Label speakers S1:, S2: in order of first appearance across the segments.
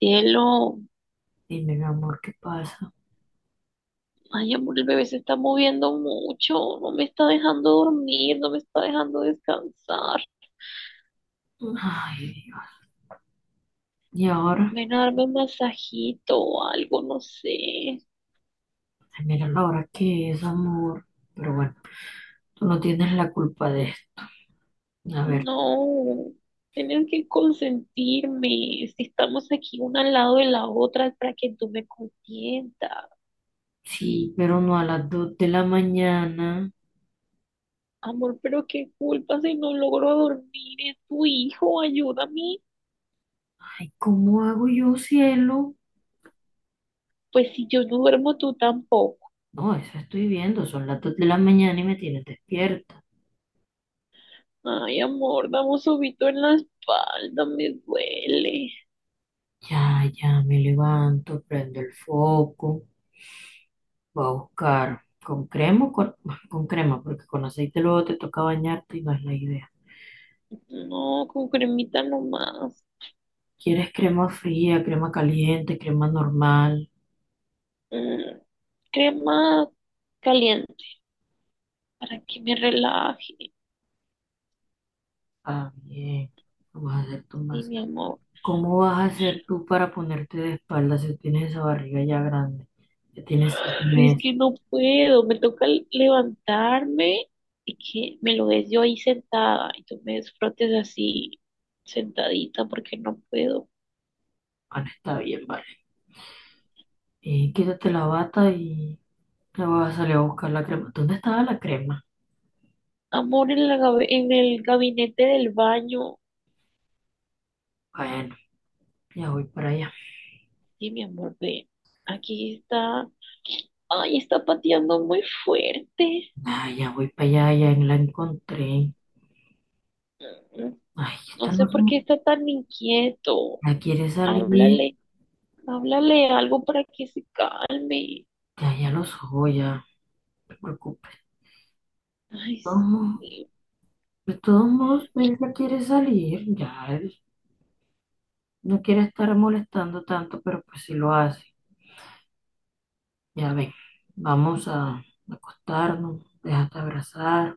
S1: Cielo,
S2: Dime, mi amor, ¿qué pasa?
S1: ay amor, el bebé se está moviendo mucho, no me está dejando dormir, no me está dejando descansar.
S2: Ay, Dios. y ahora,
S1: Ven a darme un masajito o algo, no sé.
S2: Ay, mira la hora que es, amor. Pero bueno, tú no tienes la culpa de esto. A ver,
S1: No, tienes que consentirme. Si estamos aquí una al lado de la otra es para que tú me consientas.
S2: sí, pero no a las 2 de la mañana.
S1: Amor, pero qué culpa si no logro dormir, es tu hijo, ayúdame.
S2: Ay, ¿cómo hago yo, cielo?
S1: Pues si yo no duermo, tú tampoco.
S2: No, eso estoy viendo, son las 2 de la mañana y me tienes despierta.
S1: Ay, amor, dame un sobito en la espalda, me duele.
S2: Ya, ya, me levanto, prendo el foco, voy a buscar con crema, o con, con crema, porque con aceite luego te toca bañarte y no es la idea.
S1: No, con cremita nomás.
S2: ¿Quieres crema fría, crema caliente, crema normal?
S1: Mm, Crema caliente para que me relaje.
S2: Ah, bien. ¿Cómo vas a hacer tu
S1: Sí, mi
S2: masaje?
S1: amor.
S2: ¿Cómo vas a hacer tú para ponerte de espalda si tienes esa barriga ya grande? Ya tienes seis
S1: Pero es
S2: meses.
S1: que no puedo, me toca levantarme y que me lo des yo ahí sentada y tú me desfrotes así sentadita porque no puedo.
S2: Bueno, está bien, vale. Quítate la bata y te vas a salir a buscar la crema. ¿Dónde estaba la crema?
S1: Amor, en la en el gabinete del baño.
S2: Bueno, ya voy para allá.
S1: Sí, mi amor, ve. Aquí está. Ay, está pateando muy fuerte.
S2: Ah, ya voy para allá, ya la encontré.
S1: Mm,
S2: Ay,
S1: No
S2: esta
S1: sé
S2: no se
S1: por qué
S2: me-.
S1: está tan inquieto.
S2: Ya quiere salir.
S1: Háblale, háblale algo para que se calme.
S2: Ya, ya lo soy, ya. No te preocupes.
S1: Ay,
S2: Vamos.
S1: sí,
S2: De todos modos, pues ya quiere salir, ya él no quiere estar molestando tanto, pero pues si lo hace. Ya ven, vamos a acostarnos, déjate abrazar,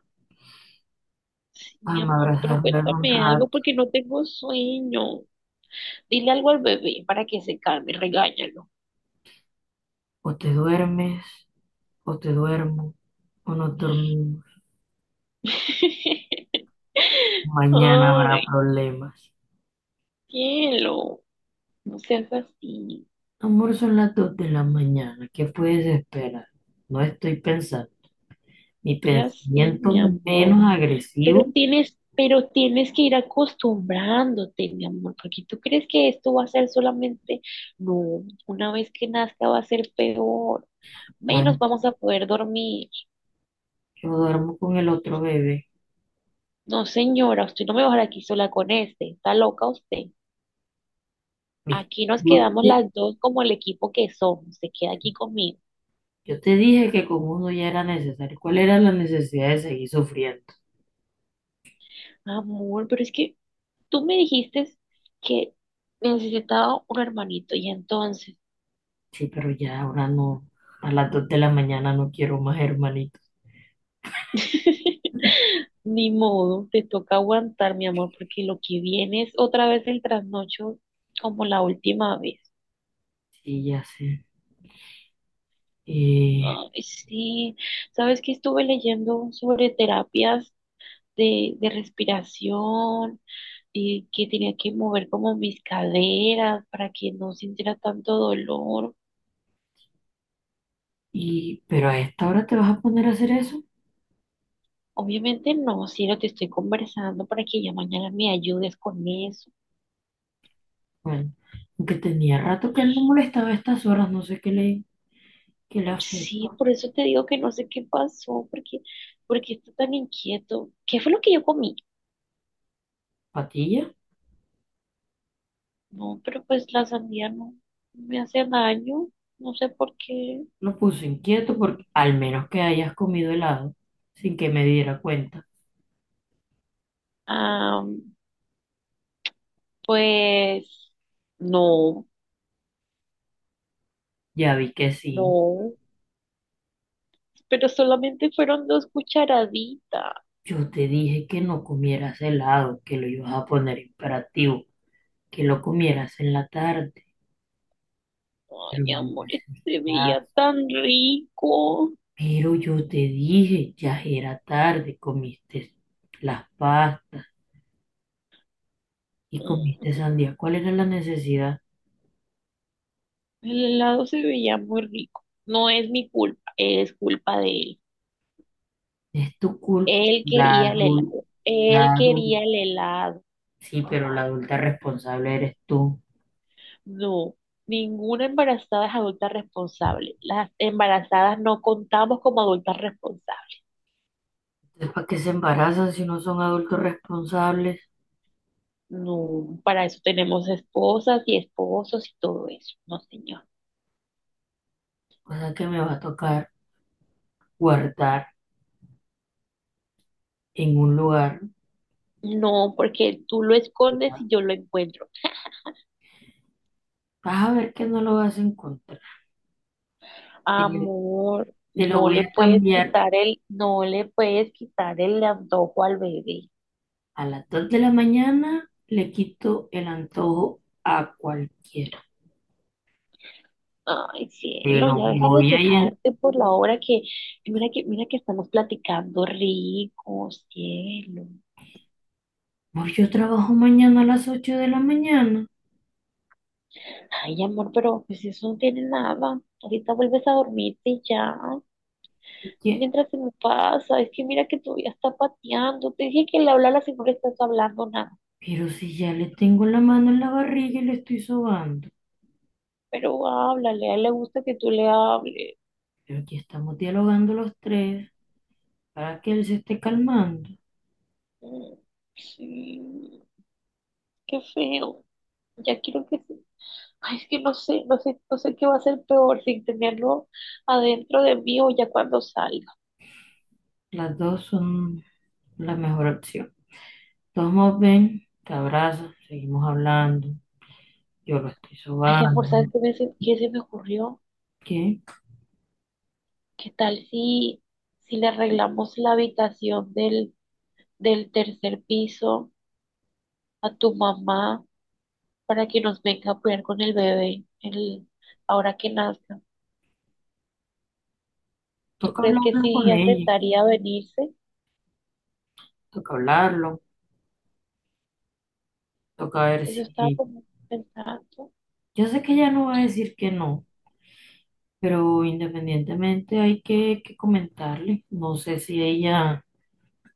S1: sí, mi
S2: vamos a
S1: amor, pero
S2: abrazar, un
S1: cuéntame algo
S2: rato.
S1: porque no tengo sueño. Dile algo al bebé para que se calme, regáñalo.
S2: O te duermes, o te duermo, o nos dormimos. Mañana habrá
S1: Ay,
S2: problemas.
S1: cielo, no seas así.
S2: Amor, son las 2 de la mañana, ¿qué puedes esperar? No estoy pensando. Mi
S1: Ya sé,
S2: pensamiento
S1: mi amor.
S2: menos agresivo,
S1: Pero tienes que ir acostumbrándote, mi amor, porque tú crees que esto va a ser solamente, no, una vez que nazca va a ser peor,
S2: ya
S1: menos vamos a poder dormir.
S2: yo duermo con el otro bebé.
S1: No, señora, usted no me va a dejar aquí sola con este, está loca usted.
S2: ¿Viste?
S1: Aquí nos
S2: Yo
S1: quedamos las dos como el equipo que somos, se queda aquí conmigo.
S2: Yo te dije que con uno ya era necesario. ¿Cuál era la necesidad de seguir sufriendo?
S1: Amor, pero es que tú me dijiste que necesitaba un hermanito y entonces…
S2: Sí, pero ya ahora no. A las dos de la mañana no quiero más hermanitos.
S1: Ni modo, te toca aguantar, mi amor, porque lo que viene es otra vez el trasnocho como la última vez.
S2: Sí, ya sé. Eh,
S1: Ay, sí, sabes que estuve leyendo sobre terapias de respiración y que tenía que mover como mis caderas para que no sintiera tanto dolor.
S2: pero a esta hora te vas a poner a hacer eso.
S1: Obviamente no, si no te estoy conversando para que ya mañana me ayudes con eso.
S2: Bueno, aunque tenía rato que él no molestaba a estas horas, no sé qué le
S1: Sí,
S2: afectó.
S1: por eso te digo que no sé qué pasó, porque está tan inquieto. ¿Qué fue lo que yo comí?
S2: Patilla
S1: No, pero pues la sandía no me hace daño, no sé por qué.
S2: lo puso inquieto porque al menos que hayas comido helado sin que me diera cuenta.
S1: Ah, pues no,
S2: Ya vi que sí.
S1: no, pero solamente fueron dos cucharaditas.
S2: Yo te dije que no comieras helado, que lo ibas a poner imperativo, que lo comieras en la tarde, pero
S1: Ay,
S2: no me
S1: amor,
S2: haces
S1: este se veía
S2: caso.
S1: tan rico.
S2: Pero yo te dije, ya era tarde, comiste las pastas y comiste
S1: Mm,
S2: sandía. ¿Cuál era la necesidad?
S1: El helado se veía muy rico. No es mi culpa, es culpa de él.
S2: Es tu culpa.
S1: Él quería el helado. Él
S2: La adulta,
S1: quería el helado.
S2: sí, pero la adulta responsable eres tú.
S1: No, ninguna embarazada es adulta responsable. Las embarazadas no contamos como adultas responsables.
S2: Entonces, ¿para qué se embarazan si no son adultos responsables?
S1: No, para eso tenemos esposas y esposos y todo eso. No, señor.
S2: Cosa que me va a tocar guardar en un lugar.
S1: No, porque tú lo escondes y yo lo encuentro.
S2: Vas a ver que no lo vas a encontrar. Te,
S1: Amor,
S2: te lo
S1: no
S2: voy
S1: le
S2: a
S1: puedes
S2: cambiar
S1: quitar no le puedes quitar el antojo al bebé.
S2: a las 2 de la mañana. Le quito el antojo a cualquiera.
S1: Ay,
S2: Te
S1: cielo,
S2: lo
S1: ya deja de
S2: voy a ir.
S1: quejarte por la hora que mira que, mira que estamos platicando rico, cielo.
S2: Pues yo trabajo mañana a las 8 de la mañana.
S1: Ay, amor, pero pues eso no tiene nada. Ahorita vuelves a dormirte y ya. Es
S2: Oye,
S1: mientras se me pasa, es que mira que todavía está pateando. Te dije que le hablara si no le estás hablando nada.
S2: pero si ya le tengo la mano en la barriga y le estoy sobando.
S1: Pero háblale, a él le gusta que tú le hables.
S2: Pero aquí estamos dialogando los tres para que él se esté calmando.
S1: Mm, Sí, qué feo. Ya quiero que se… Ay, es que no sé, no sé, no sé qué va a ser peor, sin tenerlo adentro de mí o ya cuando salga.
S2: Las dos son la mejor opción. Todos modos, ven, te abrazo, seguimos hablando. Yo lo estoy
S1: Ay, amor, ¿sabes
S2: sobando.
S1: qué, qué se me ocurrió?
S2: ¿Qué?
S1: ¿Qué tal si, si le arreglamos la habitación del tercer piso a tu mamá para que nos venga a cuidar con el bebé ahora que nazca? ¿Tú
S2: Toca
S1: crees que
S2: hablarlo
S1: sí
S2: con ella,
S1: aceptaría venirse?
S2: toca hablarlo, toca ver
S1: Eso estaba
S2: si...
S1: como pensando.
S2: Yo sé que ella no va a decir que no, pero independientemente hay que comentarle. No sé si ella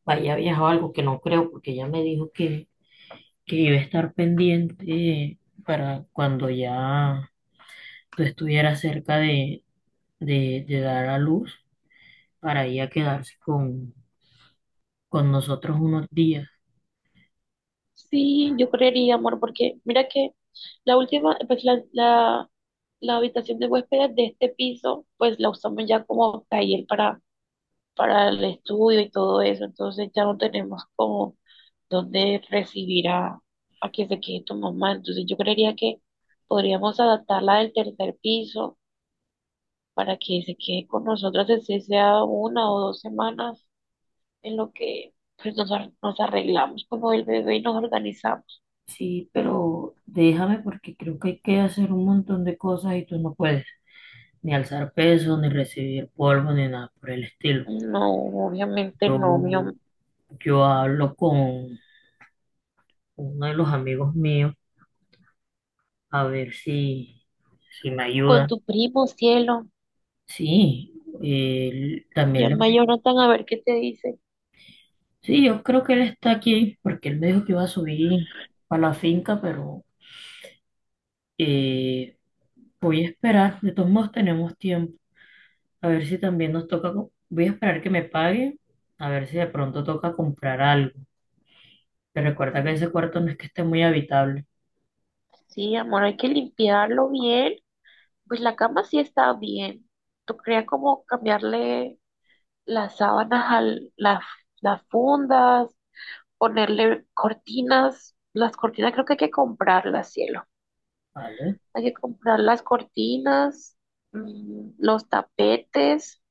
S2: vaya a viajar o algo, que no creo, porque ella me dijo que iba a estar pendiente para cuando ya tú estuvieras cerca de dar a luz, para ir a quedarse con nosotros unos días.
S1: Sí, yo creería, amor, porque mira que la última, pues la habitación de huéspedes de este piso, pues la usamos ya como taller para el estudio y todo eso, entonces ya no tenemos como dónde recibir a que se quede tu mamá, entonces yo creería que podríamos adaptarla del tercer piso para que se quede con nosotras, así sea una o dos semanas en lo que pues nos, nos arreglamos como el bebé y nos organizamos.
S2: Sí, pero déjame porque creo que hay que hacer un montón de cosas y tú no puedes ni alzar peso, ni recibir polvo, ni nada por el estilo.
S1: No, obviamente
S2: Yo,
S1: no, mi
S2: yo hablo con uno de los amigos míos a ver si me
S1: Con
S2: ayuda.
S1: tu primo, cielo.
S2: Sí, él también le...
S1: Llama a Jonathan a ver qué te dice.
S2: Sí, yo creo que él está aquí porque él me dijo que iba a subir para la finca, pero eh, voy a esperar. De todos modos tenemos tiempo. A ver si también nos toca, voy a esperar que me pague, a ver si de pronto toca comprar algo. Te recuerda que
S1: Mm,
S2: ese cuarto no es que esté muy habitable,
S1: Sí, amor, hay que limpiarlo bien. Pues la cama sí está bien. ¿Tú creías como cambiarle las sábanas a las, las fundas, ponerle cortinas? Las cortinas creo que hay que comprarlas, cielo.
S2: ¿vale?
S1: Hay que comprar las cortinas, los tapetes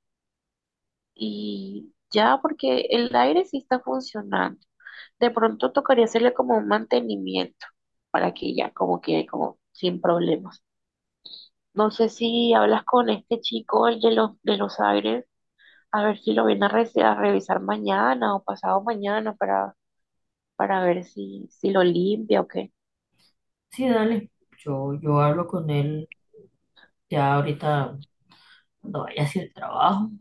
S1: y ya, porque el aire sí está funcionando. De pronto tocaría hacerle como un mantenimiento para que ya como quede como sin problemas. No sé si hablas con este chico, el de los aires, a ver si lo viene a, a revisar mañana o pasado mañana para ver si, si lo limpia o qué.
S2: Sí, dale. Yo hablo con él ya ahorita cuando vaya hacia el trabajo,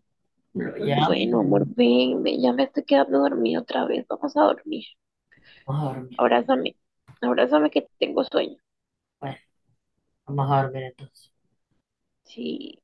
S2: lo llamo,
S1: Bueno, amor, ven, ven, ya me estoy quedando dormida otra vez. Vamos a dormir.
S2: vamos a dormir.
S1: Abrázame, abrázame que tengo sueño.
S2: Bueno, vamos a dormir entonces.
S1: Sí.